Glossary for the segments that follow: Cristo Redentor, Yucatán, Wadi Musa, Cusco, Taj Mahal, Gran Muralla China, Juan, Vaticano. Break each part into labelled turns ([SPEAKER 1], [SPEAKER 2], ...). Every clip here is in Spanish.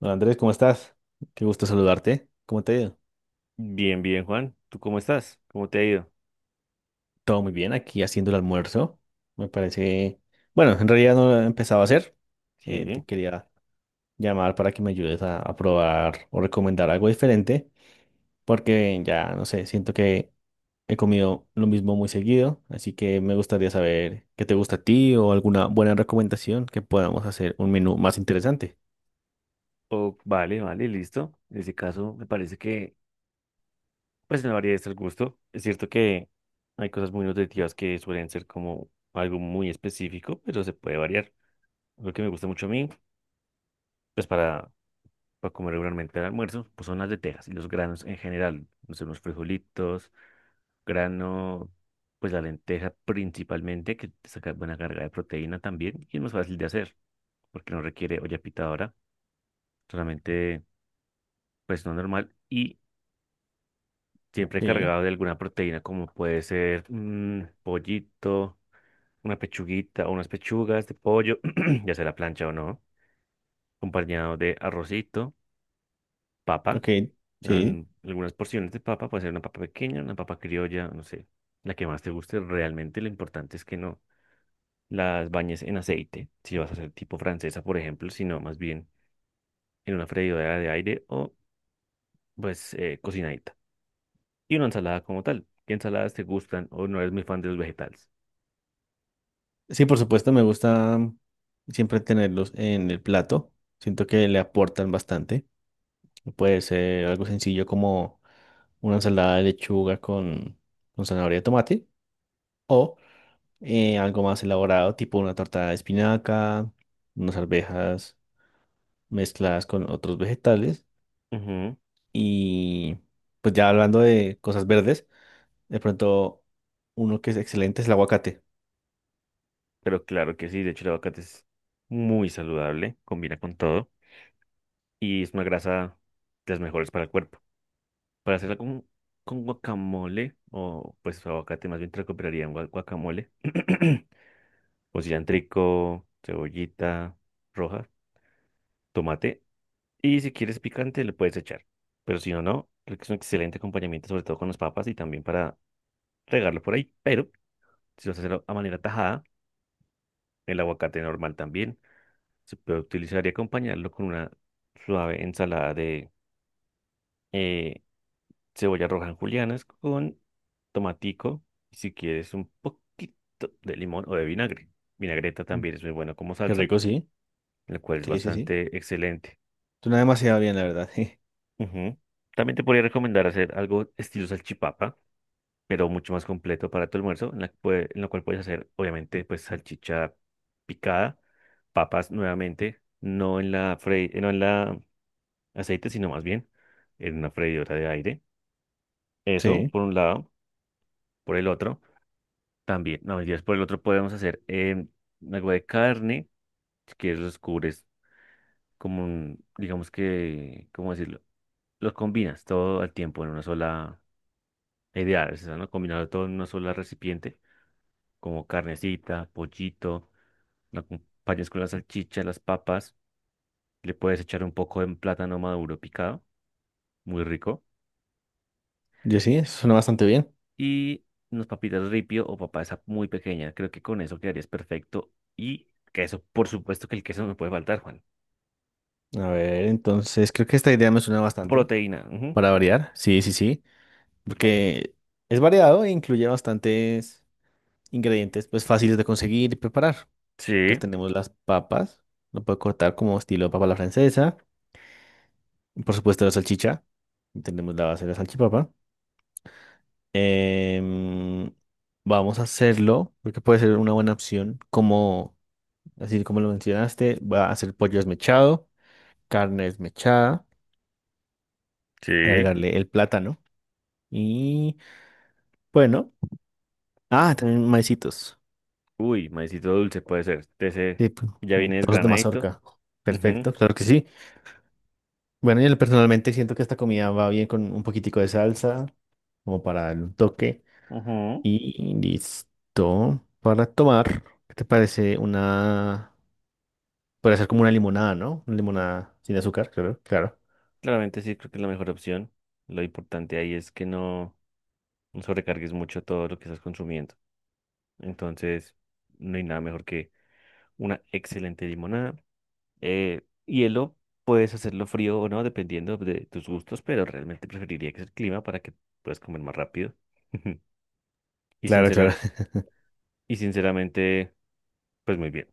[SPEAKER 1] Hola Andrés, ¿cómo estás? Qué gusto saludarte. ¿Cómo te ha ido?
[SPEAKER 2] Bien, bien, Juan. ¿Tú cómo estás? ¿Cómo te ha ido?
[SPEAKER 1] Todo muy bien, aquí haciendo el almuerzo. Me parece, bueno, en realidad no lo he empezado a hacer.
[SPEAKER 2] Sí.
[SPEAKER 1] Te quería llamar para que me ayudes a probar o recomendar algo diferente, porque ya, no sé, siento que he comido lo mismo muy seguido, así que me gustaría saber qué te gusta a ti o alguna buena recomendación que podamos hacer un menú más interesante.
[SPEAKER 2] Oh, vale, vale, listo. En ese caso, me parece que, pues, no varía estar el gusto. Es cierto que hay cosas muy nutritivas que suelen ser como algo muy específico, pero se puede variar. Lo que me gusta mucho a mí, pues, para comer regularmente al almuerzo, pues son las lentejas y los granos en general. No sé, unos frijolitos, grano, pues la lenteja principalmente, que te saca buena carga de proteína también y es más fácil de hacer, porque no requiere olla pitadora realmente pues no normal y siempre
[SPEAKER 1] Sí,
[SPEAKER 2] cargado de alguna proteína como puede ser un pollito, una pechuguita o unas pechugas de pollo, ya sea la plancha o no, acompañado de arrocito, papa,
[SPEAKER 1] ok, sí.
[SPEAKER 2] en algunas porciones de papa, puede ser una papa pequeña, una papa criolla, no sé, la que más te guste, realmente lo importante es que no las bañes en aceite, si vas a hacer tipo francesa, por ejemplo, sino más bien en una freidora de aire o pues cocinadita. Y una ensalada como tal. ¿Qué ensaladas te gustan o no eres muy fan de los vegetales?
[SPEAKER 1] Sí, por supuesto, me gusta siempre tenerlos en el plato. Siento que le aportan bastante. Puede ser algo sencillo como una ensalada de lechuga con zanahoria y tomate o algo más elaborado, tipo una torta de espinaca, unas arvejas mezcladas con otros vegetales.
[SPEAKER 2] Ujú.
[SPEAKER 1] Y pues ya hablando de cosas verdes, de pronto uno que es excelente es el aguacate.
[SPEAKER 2] Pero claro que sí, de hecho el aguacate es muy saludable, combina con todo y es una grasa de las mejores para el cuerpo. Para hacerla con guacamole o pues aguacate más bien te recuperaría un guacamole o cilantrico, cebollita roja, tomate y si quieres picante le puedes echar. Pero si no, no, creo que es un excelente acompañamiento sobre todo con las papas y también para regarlo por ahí. Pero si lo haces a manera tajada, el aguacate normal también se puede utilizar y acompañarlo con una suave ensalada de eh, cebolla roja en julianas con tomatico y si quieres un poquito de limón o de vinagre. Vinagreta también es muy buena como
[SPEAKER 1] Qué
[SPEAKER 2] salsa,
[SPEAKER 1] rico, sí.
[SPEAKER 2] la cual es
[SPEAKER 1] Sí, sí, sí.
[SPEAKER 2] bastante excelente.
[SPEAKER 1] Suena demasiado bien, la verdad.
[SPEAKER 2] Ujú. También te podría recomendar hacer algo estilo salchipapa pero mucho más completo para tu almuerzo, en la, en lo cual puedes hacer, obviamente, pues salchicha picada, papas nuevamente, no en la aceite, sino más bien en una freidora de aire. Eso,
[SPEAKER 1] Sí.
[SPEAKER 2] por un lado, por el otro, también, no, mentiras, por el otro podemos hacer em, algo de carne, si quieres los cubres como un, digamos que, ¿cómo decirlo? Los combinas todo al tiempo en una sola. La idea es esa, ¿no? Combinarlo todo en una sola recipiente, como carnecita, pollito, lo acompañas con la salchicha, las papas, le puedes echar un poco de plátano maduro picado, muy rico,
[SPEAKER 1] Yo sí, eso suena bastante bien.
[SPEAKER 2] y unas papitas ripio o papa esa muy pequeña. Creo que con eso quedarías perfecto. Y queso, por supuesto que el queso no me puede faltar, Juan.
[SPEAKER 1] A ver, entonces creo que esta idea me suena bastante
[SPEAKER 2] Proteína. Ujú.
[SPEAKER 1] para variar. Sí, sí, sí. Porque es variado e incluye bastantes ingredientes pues fáciles de conseguir y preparar. Entonces
[SPEAKER 2] Sí,
[SPEAKER 1] tenemos las papas, lo puedo cortar como estilo papa a la francesa. Y por supuesto la salchicha. Tenemos la base de la salchipapa. Em, Vamos a hacerlo, porque puede ser una buena opción. Como, así como lo mencionaste, va a hacer pollo desmechado, carne desmechada,
[SPEAKER 2] sí.
[SPEAKER 1] agregarle el plátano. Y bueno, ah, también maicitos.
[SPEAKER 2] Uy, maicito dulce puede ser. De ese
[SPEAKER 1] Sí, pues,
[SPEAKER 2] ya
[SPEAKER 1] como
[SPEAKER 2] viene
[SPEAKER 1] trozos de
[SPEAKER 2] desgranadito.
[SPEAKER 1] mazorca. Perfecto, claro que sí. Bueno, yo personalmente siento que esta comida va bien con un poquitico de salsa, como para darle un toque.
[SPEAKER 2] Ujú, ujú.
[SPEAKER 1] Y listo. Para tomar, ¿qué te parece una... Puede ser como una limonada, ¿no? Una limonada sin azúcar, claro, claro.
[SPEAKER 2] Claramente sí, creo que es la mejor opción. Lo importante ahí es que no, no sobrecargues mucho todo lo que estás consumiendo. Entonces, no hay nada mejor que una excelente limonada. Hielo, puedes hacerlo frío o no, dependiendo de tus gustos, pero realmente preferiría que sea el clima para que puedas comer más rápido. Y
[SPEAKER 1] Claro, claro.
[SPEAKER 2] y sinceramente, pues muy bien.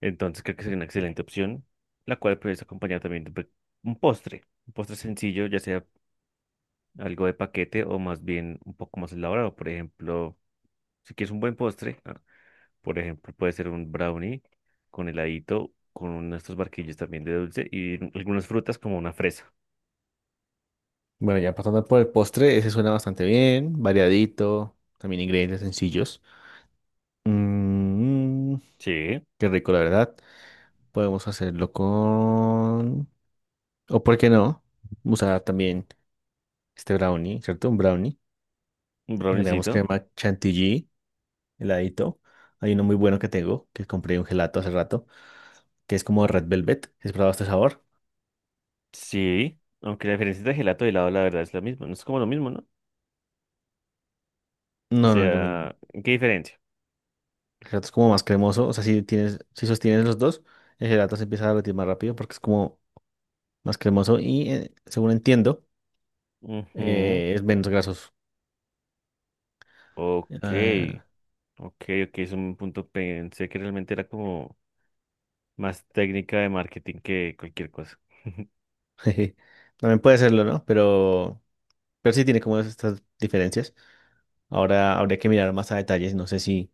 [SPEAKER 2] Entonces, creo que sería una excelente opción, la cual puedes acompañar también de un postre. Un postre sencillo, ya sea algo de paquete o más bien un poco más elaborado. Por ejemplo, si quieres un buen postre, ah, por ejemplo, puede ser un brownie con heladito, con estos barquillos también de dulce y algunas frutas como una fresa.
[SPEAKER 1] Bueno, ya pasando por el postre, ese suena bastante bien, variadito, también ingredientes sencillos. Mm,
[SPEAKER 2] Sí,
[SPEAKER 1] qué rico, la verdad. Podemos hacerlo con... ¿O por qué no? Usar también este brownie, ¿cierto? Un brownie.
[SPEAKER 2] un
[SPEAKER 1] Le agregamos
[SPEAKER 2] browniecito.
[SPEAKER 1] crema chantilly, heladito. Hay uno muy bueno que tengo, que compré un gelato hace rato, que es como Red Velvet. ¿Has probado este sabor?
[SPEAKER 2] Sí, aunque la diferencia entre gelato y helado la verdad es la misma, no es como lo mismo, ¿no? O
[SPEAKER 1] No, no es lo mismo.
[SPEAKER 2] sea, ¿qué diferencia?
[SPEAKER 1] El gelato es como más cremoso. O sea, si tienes, si sostienes los dos, el gelato se empieza a derretir más rápido porque es como más cremoso y según entiendo,
[SPEAKER 2] Ujú.
[SPEAKER 1] es menos grasoso.
[SPEAKER 2] Ok,
[SPEAKER 1] Ah,
[SPEAKER 2] ok, ok, es un punto, pensé que realmente era como más técnica de marketing que cualquier cosa.
[SPEAKER 1] jeje. También puede serlo, ¿no? Pero sí tiene como estas diferencias. Ahora habría que mirar más a detalles. No sé si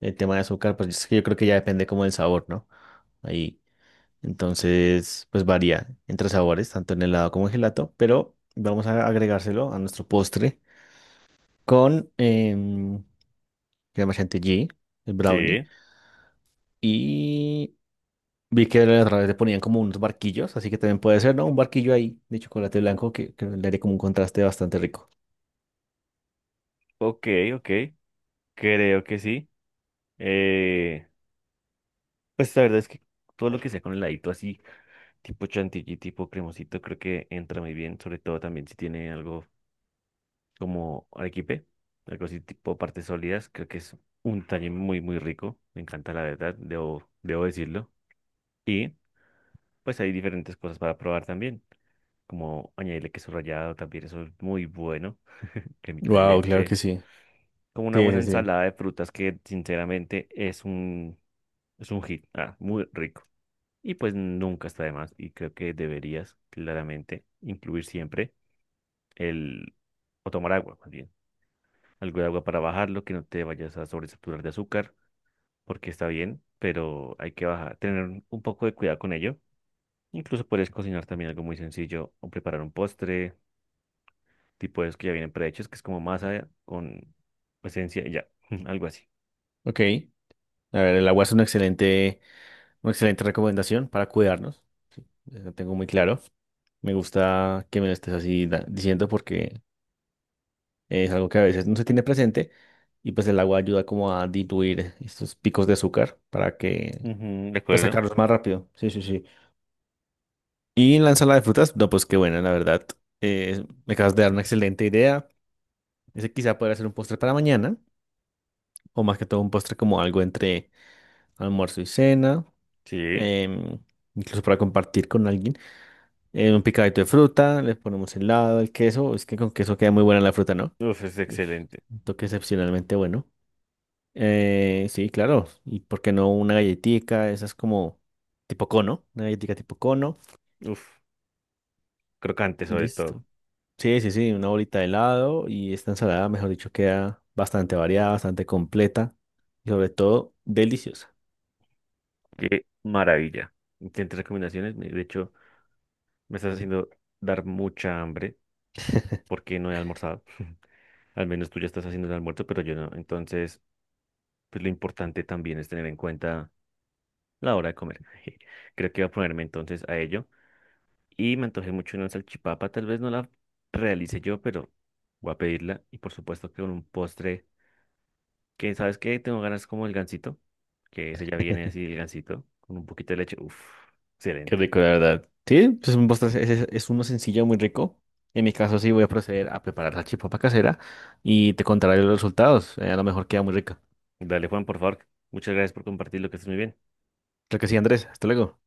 [SPEAKER 1] el tema de azúcar, pues es que yo creo que ya depende como del sabor, ¿no? Ahí. Entonces, pues varía entre sabores, tanto en helado como en gelato. Pero vamos a agregárselo a nuestro postre con crema chantilly, el brownie.
[SPEAKER 2] Sí.
[SPEAKER 1] Y vi que a través le ponían como unos barquillos, así que también puede ser, ¿no? Un barquillo ahí de chocolate blanco que le daría como un contraste bastante rico.
[SPEAKER 2] Ok, ok, creo que sí. Eh, pues la verdad es que todo lo que sea con heladito así, tipo chantilly, tipo cremosito, creo que entra muy bien, sobre todo también si tiene algo como arequipe, algo así tipo partes sólidas, creo que es un detalle muy, muy rico, me encanta la verdad, debo decirlo. Y pues hay diferentes cosas para probar también, como añadirle queso rallado, también eso es muy bueno, cremita de
[SPEAKER 1] Wow, claro que
[SPEAKER 2] leche,
[SPEAKER 1] sí.
[SPEAKER 2] como una
[SPEAKER 1] Sí,
[SPEAKER 2] buena
[SPEAKER 1] sí, sí.
[SPEAKER 2] ensalada de frutas que sinceramente es un. Es un hit, ah, muy rico. Y pues nunca está de más. Y creo que deberías claramente incluir siempre el... o tomar agua, más bien. Algo de agua para bajarlo, que no te vayas a sobresaturar de azúcar, porque está bien, pero hay que bajar, tener un poco de cuidado con ello. Incluso puedes cocinar también algo muy sencillo o preparar un postre, tipo de esos que ya vienen prehechos, que es como masa con esencia, y ya, algo así.
[SPEAKER 1] Ok. A ver, el agua es una excelente recomendación para cuidarnos. Lo tengo muy claro. Me gusta que me lo estés así diciendo porque es algo que a veces no se tiene presente y pues el agua ayuda como a diluir estos picos de azúcar para que
[SPEAKER 2] Ujú, de
[SPEAKER 1] pues
[SPEAKER 2] acuerdo.
[SPEAKER 1] sacarlos más rápido. Sí, sí, sí. Y en la ensalada de frutas, no, pues qué buena, la verdad. Me acabas de dar una excelente idea. Ese quizá podría ser un postre para mañana o más que todo un postre como algo entre almuerzo y cena,
[SPEAKER 2] Sí.
[SPEAKER 1] em, incluso para compartir con alguien. Un picadito de fruta, le ponemos helado, el queso. Es que con queso queda muy buena la fruta, ¿no?
[SPEAKER 2] Uf, es
[SPEAKER 1] Ush,
[SPEAKER 2] excelente.
[SPEAKER 1] un toque excepcionalmente bueno. Sí, claro. ¿Y por qué no una galletica? Esa es como tipo cono, una galletica tipo cono.
[SPEAKER 2] Uf, crocante
[SPEAKER 1] Y
[SPEAKER 2] sobre todo.
[SPEAKER 1] listo. Sí, sí, sí, una bolita de helado y esta ensalada, mejor dicho, queda bastante variada, bastante completa y sobre todo deliciosa.
[SPEAKER 2] Qué maravilla. Tienes recomendaciones. De hecho, me estás haciendo dar mucha hambre porque no he almorzado. Al menos tú ya estás haciendo el almuerzo, pero yo no. Entonces, pues lo importante también es tener en cuenta la hora de comer. Creo que voy a ponerme entonces a ello. Y me antojé mucho una salchipapa. Tal vez no la realice yo, pero voy a pedirla. Y por supuesto que con un postre que, ¿sabes qué? Tengo ganas como el gansito, que ese ya viene así, el gansito, con un poquito de leche. Uf,
[SPEAKER 1] Qué
[SPEAKER 2] excelente.
[SPEAKER 1] rico, la verdad. Sí, pues es, un es, es uno sencillo, muy rico. En mi caso, sí voy a proceder a preparar la chipapa casera y te contaré los resultados. A lo mejor queda muy rica.
[SPEAKER 2] Dale, Juan, por favor. Muchas gracias por compartir lo que estés muy bien.
[SPEAKER 1] Creo que sí, Andrés. Hasta luego.